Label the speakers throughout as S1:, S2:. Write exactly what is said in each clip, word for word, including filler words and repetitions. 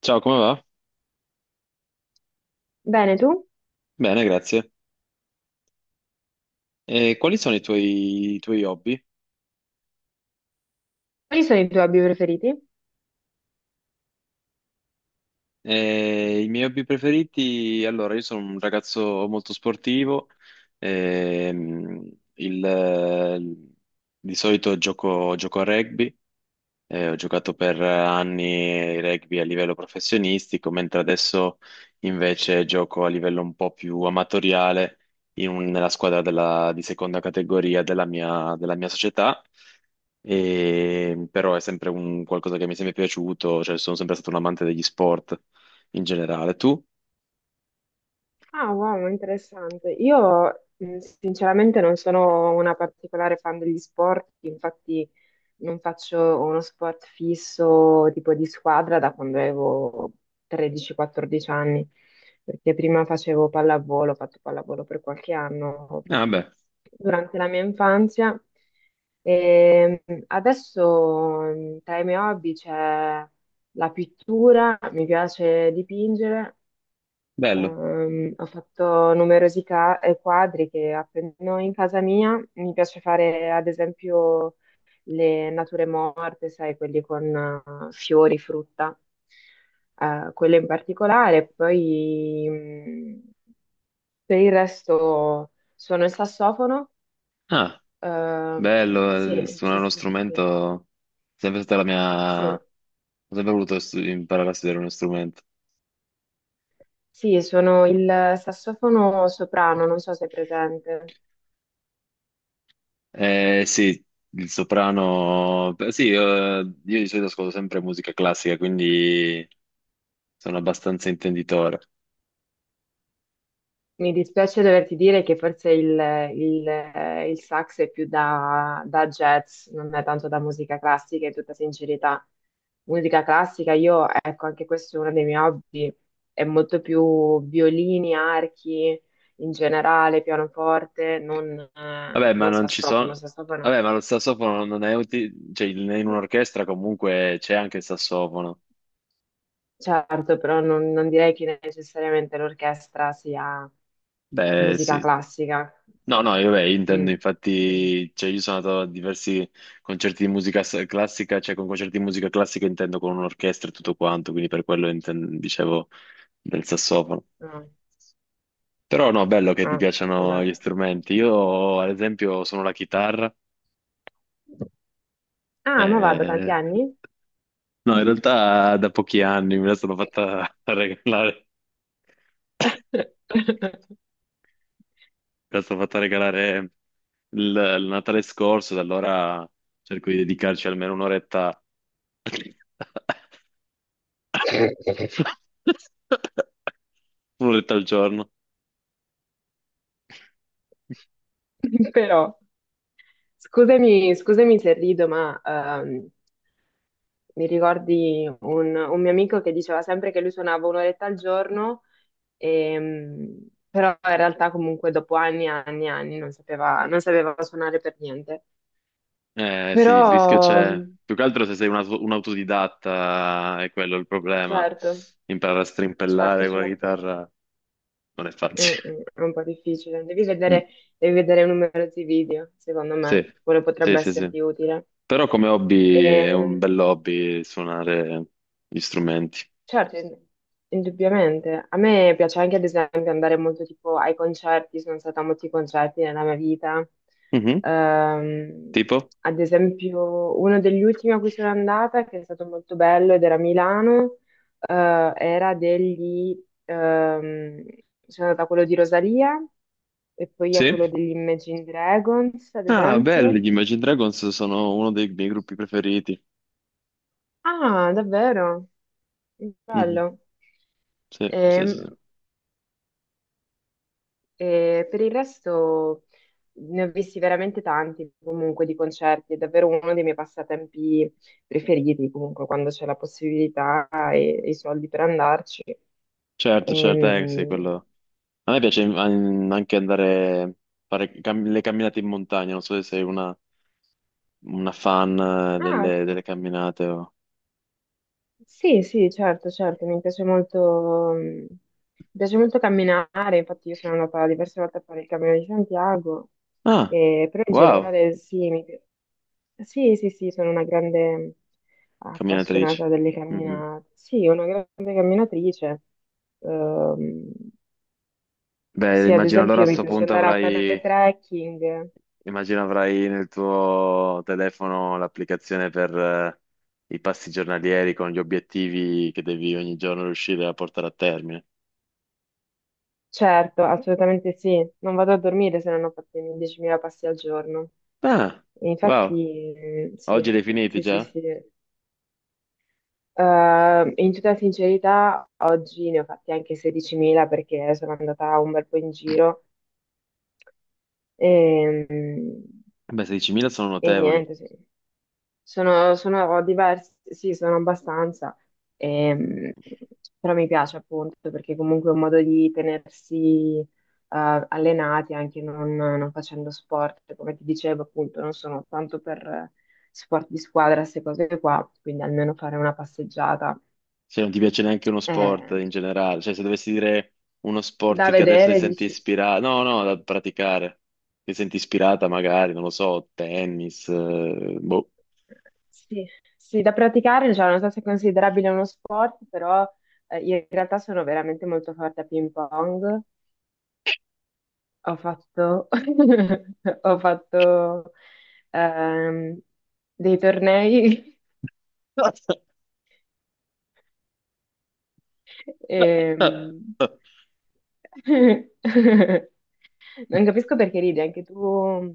S1: Ciao, come va?
S2: Bene, tu?
S1: Bene, grazie. E quali sono i tuoi, i tuoi hobby?
S2: Quali sono i tuoi hobby preferiti?
S1: Eh, i miei hobby preferiti? Allora, io sono un ragazzo molto sportivo. ehm, il- di solito gioco, gioco a rugby. Eh, ho giocato per anni rugby a livello professionistico, mentre adesso invece gioco a livello un po' più amatoriale in un- nella squadra della- di seconda categoria della mia, della mia società. E però è sempre un qualcosa che mi è sempre piaciuto, cioè sono sempre stato un amante degli sport in generale. Tu?
S2: Ah, wow, interessante. Io mh, sinceramente non sono una particolare fan degli sport, infatti non faccio uno sport fisso tipo di squadra da quando avevo tredici quattordici anni, perché prima facevo pallavolo, ho fatto pallavolo per qualche anno
S1: Ah, beh,
S2: durante la mia infanzia. E mh, adesso mh, tra i miei hobby c'è la pittura, mi piace dipingere.
S1: bello.
S2: Ehm, ho fatto numerosi ca- eh, quadri che appendo in casa mia. Mi piace fare, ad esempio, le nature morte, sai, quelli con eh, fiori, frutta, eh, quelle in particolare. Poi, mh, per il resto, suono il sassofono.
S1: Ah,
S2: Ehm,
S1: bello, eh,
S2: sì, sì,
S1: suonare uno
S2: sì, sì,
S1: strumento è sempre stata la mia...
S2: sì.
S1: Ho sempre voluto stu- imparare a studiare uno strumento.
S2: Sì, sono il sassofono soprano, non so se è presente.
S1: Eh, sì, il soprano. Beh, sì, eh, io di solito ascolto sempre musica classica, quindi sono abbastanza intenditore.
S2: Mi dispiace doverti dire che forse il, il, eh, il sax è più da, da jazz, non è tanto da musica classica, in tutta sincerità. Musica classica, io, ecco, anche questo è uno dei miei hobby, è molto più violini, archi, in generale, pianoforte, non, eh,
S1: Vabbè, ma
S2: non
S1: non ci
S2: sassofono,
S1: sono.
S2: sassofono,
S1: Vabbè, ma lo sassofono non è utile. Cioè, in in un'orchestra comunque c'è anche il sassofono.
S2: certo, però non, non direi che necessariamente l'orchestra sia
S1: Beh,
S2: musica
S1: sì.
S2: classica.
S1: No, no, io vabbè, intendo,
S2: Mm.
S1: infatti, cioè, io sono andato a diversi concerti di musica s- classica, cioè con concerti di musica classica intendo con un'orchestra e tutto quanto, quindi per quello inten- dicevo del sassofono.
S2: No.
S1: Però no, bello che ti
S2: Ah,
S1: piacciono
S2: guarda.
S1: gli strumenti. Io, ad esempio, sono la chitarra.
S2: Ah, ma vada, tanti
S1: eh,
S2: anni?
S1: No, in realtà da pochi anni me la sono fatta regalare, me la sono fatta regalare il, il Natale scorso. Da allora cerco di dedicarci almeno un'oretta un'oretta al giorno.
S2: Però, scusami, scusami se rido, ma ehm, mi ricordi un, un mio amico che diceva sempre che lui suonava un'oretta al giorno, ehm, però in realtà comunque dopo anni e anni e anni non sapeva, non sapeva suonare per niente.
S1: Eh sì,
S2: Però,
S1: il rischio c'è. Più che altro se sei un, auto- un autodidatta è quello il problema.
S2: certo,
S1: Imparare a
S2: certo,
S1: strimpellare con la
S2: certo.
S1: chitarra non è
S2: Mm,
S1: facile.
S2: mm, è un po' difficile. Devi
S1: Mm,
S2: vedere, devi vedere numerosi video, secondo
S1: sì,
S2: me, quello
S1: sì,
S2: potrebbe
S1: sì, sì.
S2: esserti utile.
S1: Però come hobby è un
S2: Ehm,
S1: bel hobby suonare gli strumenti.
S2: Certo, in- indubbiamente. A me piace anche, ad esempio, andare molto tipo ai concerti, sono stata a molti concerti nella mia vita.
S1: Mhm.
S2: Ehm,
S1: Tipo?
S2: Ad esempio, uno degli ultimi a cui sono andata, che è stato molto bello ed era a Milano, eh, era degli... ehm, sono andata a quello di Rosalia e poi a
S1: Sì?
S2: quello degli Imagine Dragons, ad
S1: Ah,
S2: esempio.
S1: belli, gli Imagine Dragons sono uno dei miei gruppi preferiti.
S2: Ah, davvero?
S1: Mhm.
S2: Bello.
S1: Sì, sì, sì, sì.
S2: Ehm, E per il resto ne ho visti veramente tanti comunque di concerti, è davvero uno dei miei passatempi preferiti comunque quando c'è la possibilità e, e i soldi per andarci.
S1: Certo, certo, eh, sì,
S2: Ehm,
S1: quello... A me piace mm, anche andare a fare cam- le camminate in montagna, non so se sei una, una fan eh,
S2: ah,
S1: delle, delle camminate o...
S2: sì, sì, certo, certo, mi piace molto, mm, mi piace molto camminare, infatti io sono andata diverse volte a fare il Cammino di Santiago,
S1: Ah,
S2: eh, però in
S1: wow,
S2: generale sì, mi pi- sì, sì, sì, sono una grande
S1: camminatrice.
S2: appassionata delle
S1: Mm, mm.
S2: camminate, sì, una grande camminatrice. Ehm,
S1: Beh,
S2: sì, ad
S1: immagino allora a
S2: esempio mi
S1: sto
S2: piace
S1: punto
S2: andare a fare
S1: avrai,
S2: trekking,
S1: immagino avrai nel tuo telefono l'applicazione per eh, i passi giornalieri con gli obiettivi che devi ogni giorno riuscire a portare a termine.
S2: certo, assolutamente sì, non vado a dormire se non ho fatto i miei diecimila passi al giorno.
S1: Ah,
S2: E
S1: wow,
S2: infatti, eh,
S1: oggi
S2: sì,
S1: li hai finiti
S2: sì,
S1: già?
S2: sì, sì. Eh, in tutta sincerità, oggi ne ho fatti anche sedicimila perché sono andata un bel po' in giro e,
S1: Beh, sedicimila sono
S2: e
S1: notevoli.
S2: niente, sì. Sono, sono diversi, sì, sono abbastanza. ehm, Però mi piace appunto perché comunque è un modo di tenersi eh, allenati anche non, non facendo sport, come ti dicevo appunto, non sono tanto per eh, sport di squadra, queste cose qua, quindi almeno fare una passeggiata.
S1: Se non ti piace neanche uno sport
S2: eh,
S1: in generale, cioè se dovessi dire uno
S2: Da
S1: sport che adesso ti
S2: vedere,
S1: senti
S2: dici?
S1: ispirata, no, no, da praticare, ti senti ispirata magari, non lo so, tennis, eh, boh.
S2: Sì, sì, da praticare, cioè, non so se è considerabile uno sport, però eh, in realtà sono veramente molto forte a ping pong. Ho fatto, ho fatto ehm, dei tornei. E non capisco perché ridi, anche tu,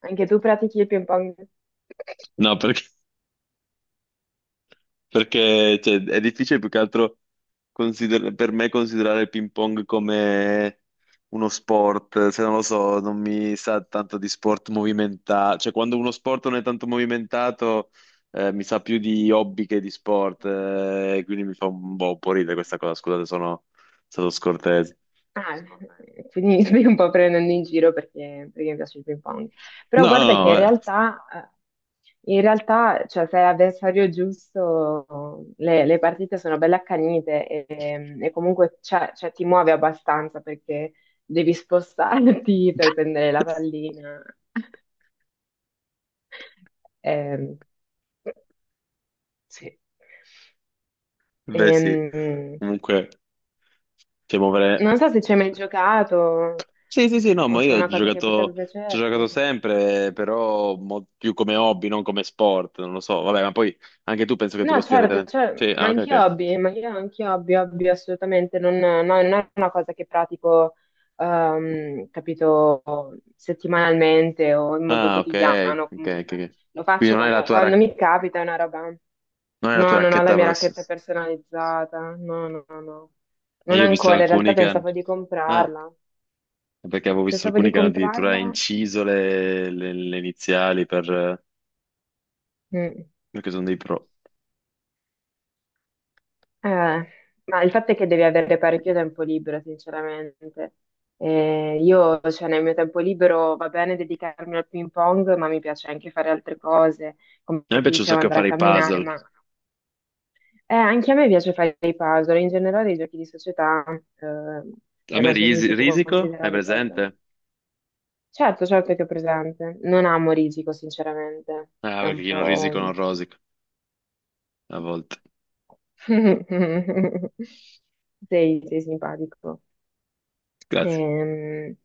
S2: anche tu pratichi il ping pong.
S1: No, perché perché cioè, è difficile più che altro consider- per me considerare il ping pong come uno sport, se non lo so, non mi sa tanto di sport movimentato. Cioè, quando uno sport non è tanto movimentato, eh, mi sa più di hobby che di sport. Eh, quindi mi fa un po', un po' ridere questa cosa. Scusate, sono stato scortese.
S2: Ah, secondo me. Quindi mi stai un po' prendendo in giro perché, perché mi piace il ping pong. Però
S1: No, no,
S2: guarda
S1: no,
S2: che in
S1: vabbè.
S2: realtà, eh, in realtà, cioè, se hai l'avversario giusto, le, le partite sono belle accanite e, e comunque c'è- cioè, ti muove abbastanza perché devi spostarti per prendere la pallina. Ehm, sì.
S1: Beh, sì,
S2: Ehm,
S1: comunque, cioè, muovere.
S2: Non so se ci hai mai giocato
S1: Sì, sì, sì, no,
S2: o
S1: ma
S2: se
S1: io
S2: è
S1: ho
S2: una cosa che potrebbe
S1: giocato, ci ho
S2: piacerti.
S1: giocato sempre, però mo- più come hobby, non come sport, non lo so. Vabbè, ma poi anche tu penso che tu lo
S2: No,
S1: stia
S2: certo,
S1: ritenendo.
S2: cioè,
S1: Sì,
S2: ma
S1: ah, ok,
S2: anche
S1: ok.
S2: hobby, ma io anche hobby, hobby assolutamente, non, no, non è una cosa che pratico, ehm, capito, settimanalmente o in modo
S1: Ah, ok,
S2: quotidiano,
S1: ok, ok,
S2: comunque.
S1: ok.
S2: Lo
S1: Quindi
S2: faccio
S1: non è la
S2: quando,
S1: tua,
S2: quando
S1: rac-
S2: mi capita, è una roba.
S1: non è la tua
S2: No, non ho la
S1: racchetta
S2: mia racchetta
S1: professionale.
S2: personalizzata, no, no, no, no.
S1: Eh,
S2: Non
S1: io ho visto
S2: ancora, in
S1: alcuni
S2: realtà
S1: che hanno...
S2: pensavo di
S1: Ah,
S2: comprarla.
S1: perché avevo visto
S2: Pensavo
S1: alcuni
S2: di
S1: che hanno addirittura
S2: comprarla.
S1: inciso le, le- le iniziali per...
S2: Mm.
S1: perché sono dei pro.
S2: Eh, ma il fatto è che devi avere parecchio tempo libero, sinceramente. Eh, io, cioè, nel mio tempo libero va bene dedicarmi al ping pong, ma mi piace anche fare altre cose, come
S1: A me
S2: ti
S1: piace un
S2: dicevo,
S1: sacco
S2: andare a
S1: fare i
S2: camminare,
S1: puzzle.
S2: ma eh, anche a me piace fare i puzzle, in generale i giochi di società, eh,
S1: A
S2: cioè
S1: me
S2: non so se
S1: risi-
S2: si può
S1: risico, hai
S2: considerare
S1: presente?
S2: puzzle. Certo, certo che è presente. Non amo Risico, sinceramente.
S1: Ah,
S2: È
S1: perché
S2: un
S1: chi non
S2: po'.
S1: risico non rosico. A volte.
S2: Sei, sei simpatico.
S1: Grazie.
S2: Ehm,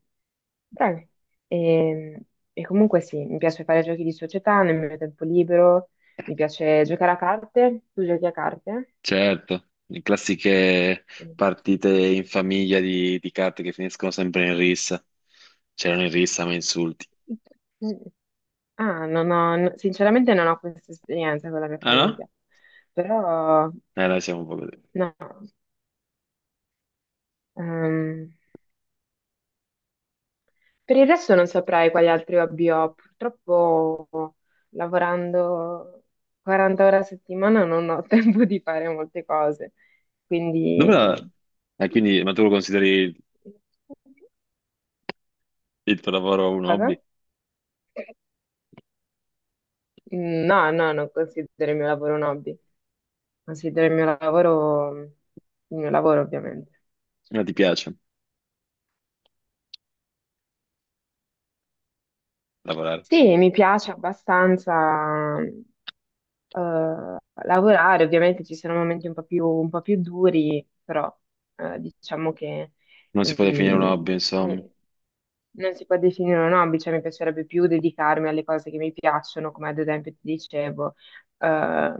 S2: Dai. Ehm, E, comunque sì, mi piace fare giochi di società nel mio tempo libero, mi piace giocare a carte. Tu giochi a carte?
S1: Certo, le classiche partite in famiglia di, di carte che finiscono sempre in rissa. C'erano in rissa, ma insulti.
S2: Mm. Ah, non ho, no- sinceramente non ho questa esperienza con la mia
S1: Ah no?
S2: famiglia, però
S1: Eh, noi siamo un po' così.
S2: no, ehm, Per il resto non saprei quali altri hobby ho. Purtroppo lavorando quaranta ore a settimana non ho tempo di fare molte cose.
S1: Dove
S2: Quindi, mm,
S1: la... eh, quindi, ma tu lo consideri il tuo lavoro un hobby?
S2: cosa? No, no, non considero il mio lavoro un hobby. Considero il mio lavoro il mio lavoro, ovviamente.
S1: Ma ti piace lavorare?
S2: Sì, mi piace abbastanza eh, lavorare. Ovviamente ci sono momenti un po' più, un po' più duri, però eh, diciamo che
S1: Non si può definire un
S2: mm,
S1: hobby, insomma.
S2: mi- non si può definire un hobby, cioè mi piacerebbe più dedicarmi alle cose che mi piacciono, come ad esempio ti dicevo, eh,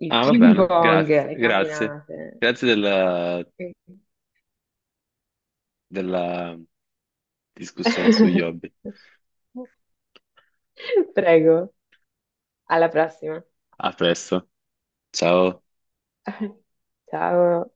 S2: il
S1: Ah, va
S2: ping
S1: bene,
S2: pong,
S1: grazie,
S2: le
S1: grazie.
S2: camminate.
S1: Grazie della, della discussione sugli hobby.
S2: Prego, alla prossima.
S1: A presto, ciao.
S2: Ciao.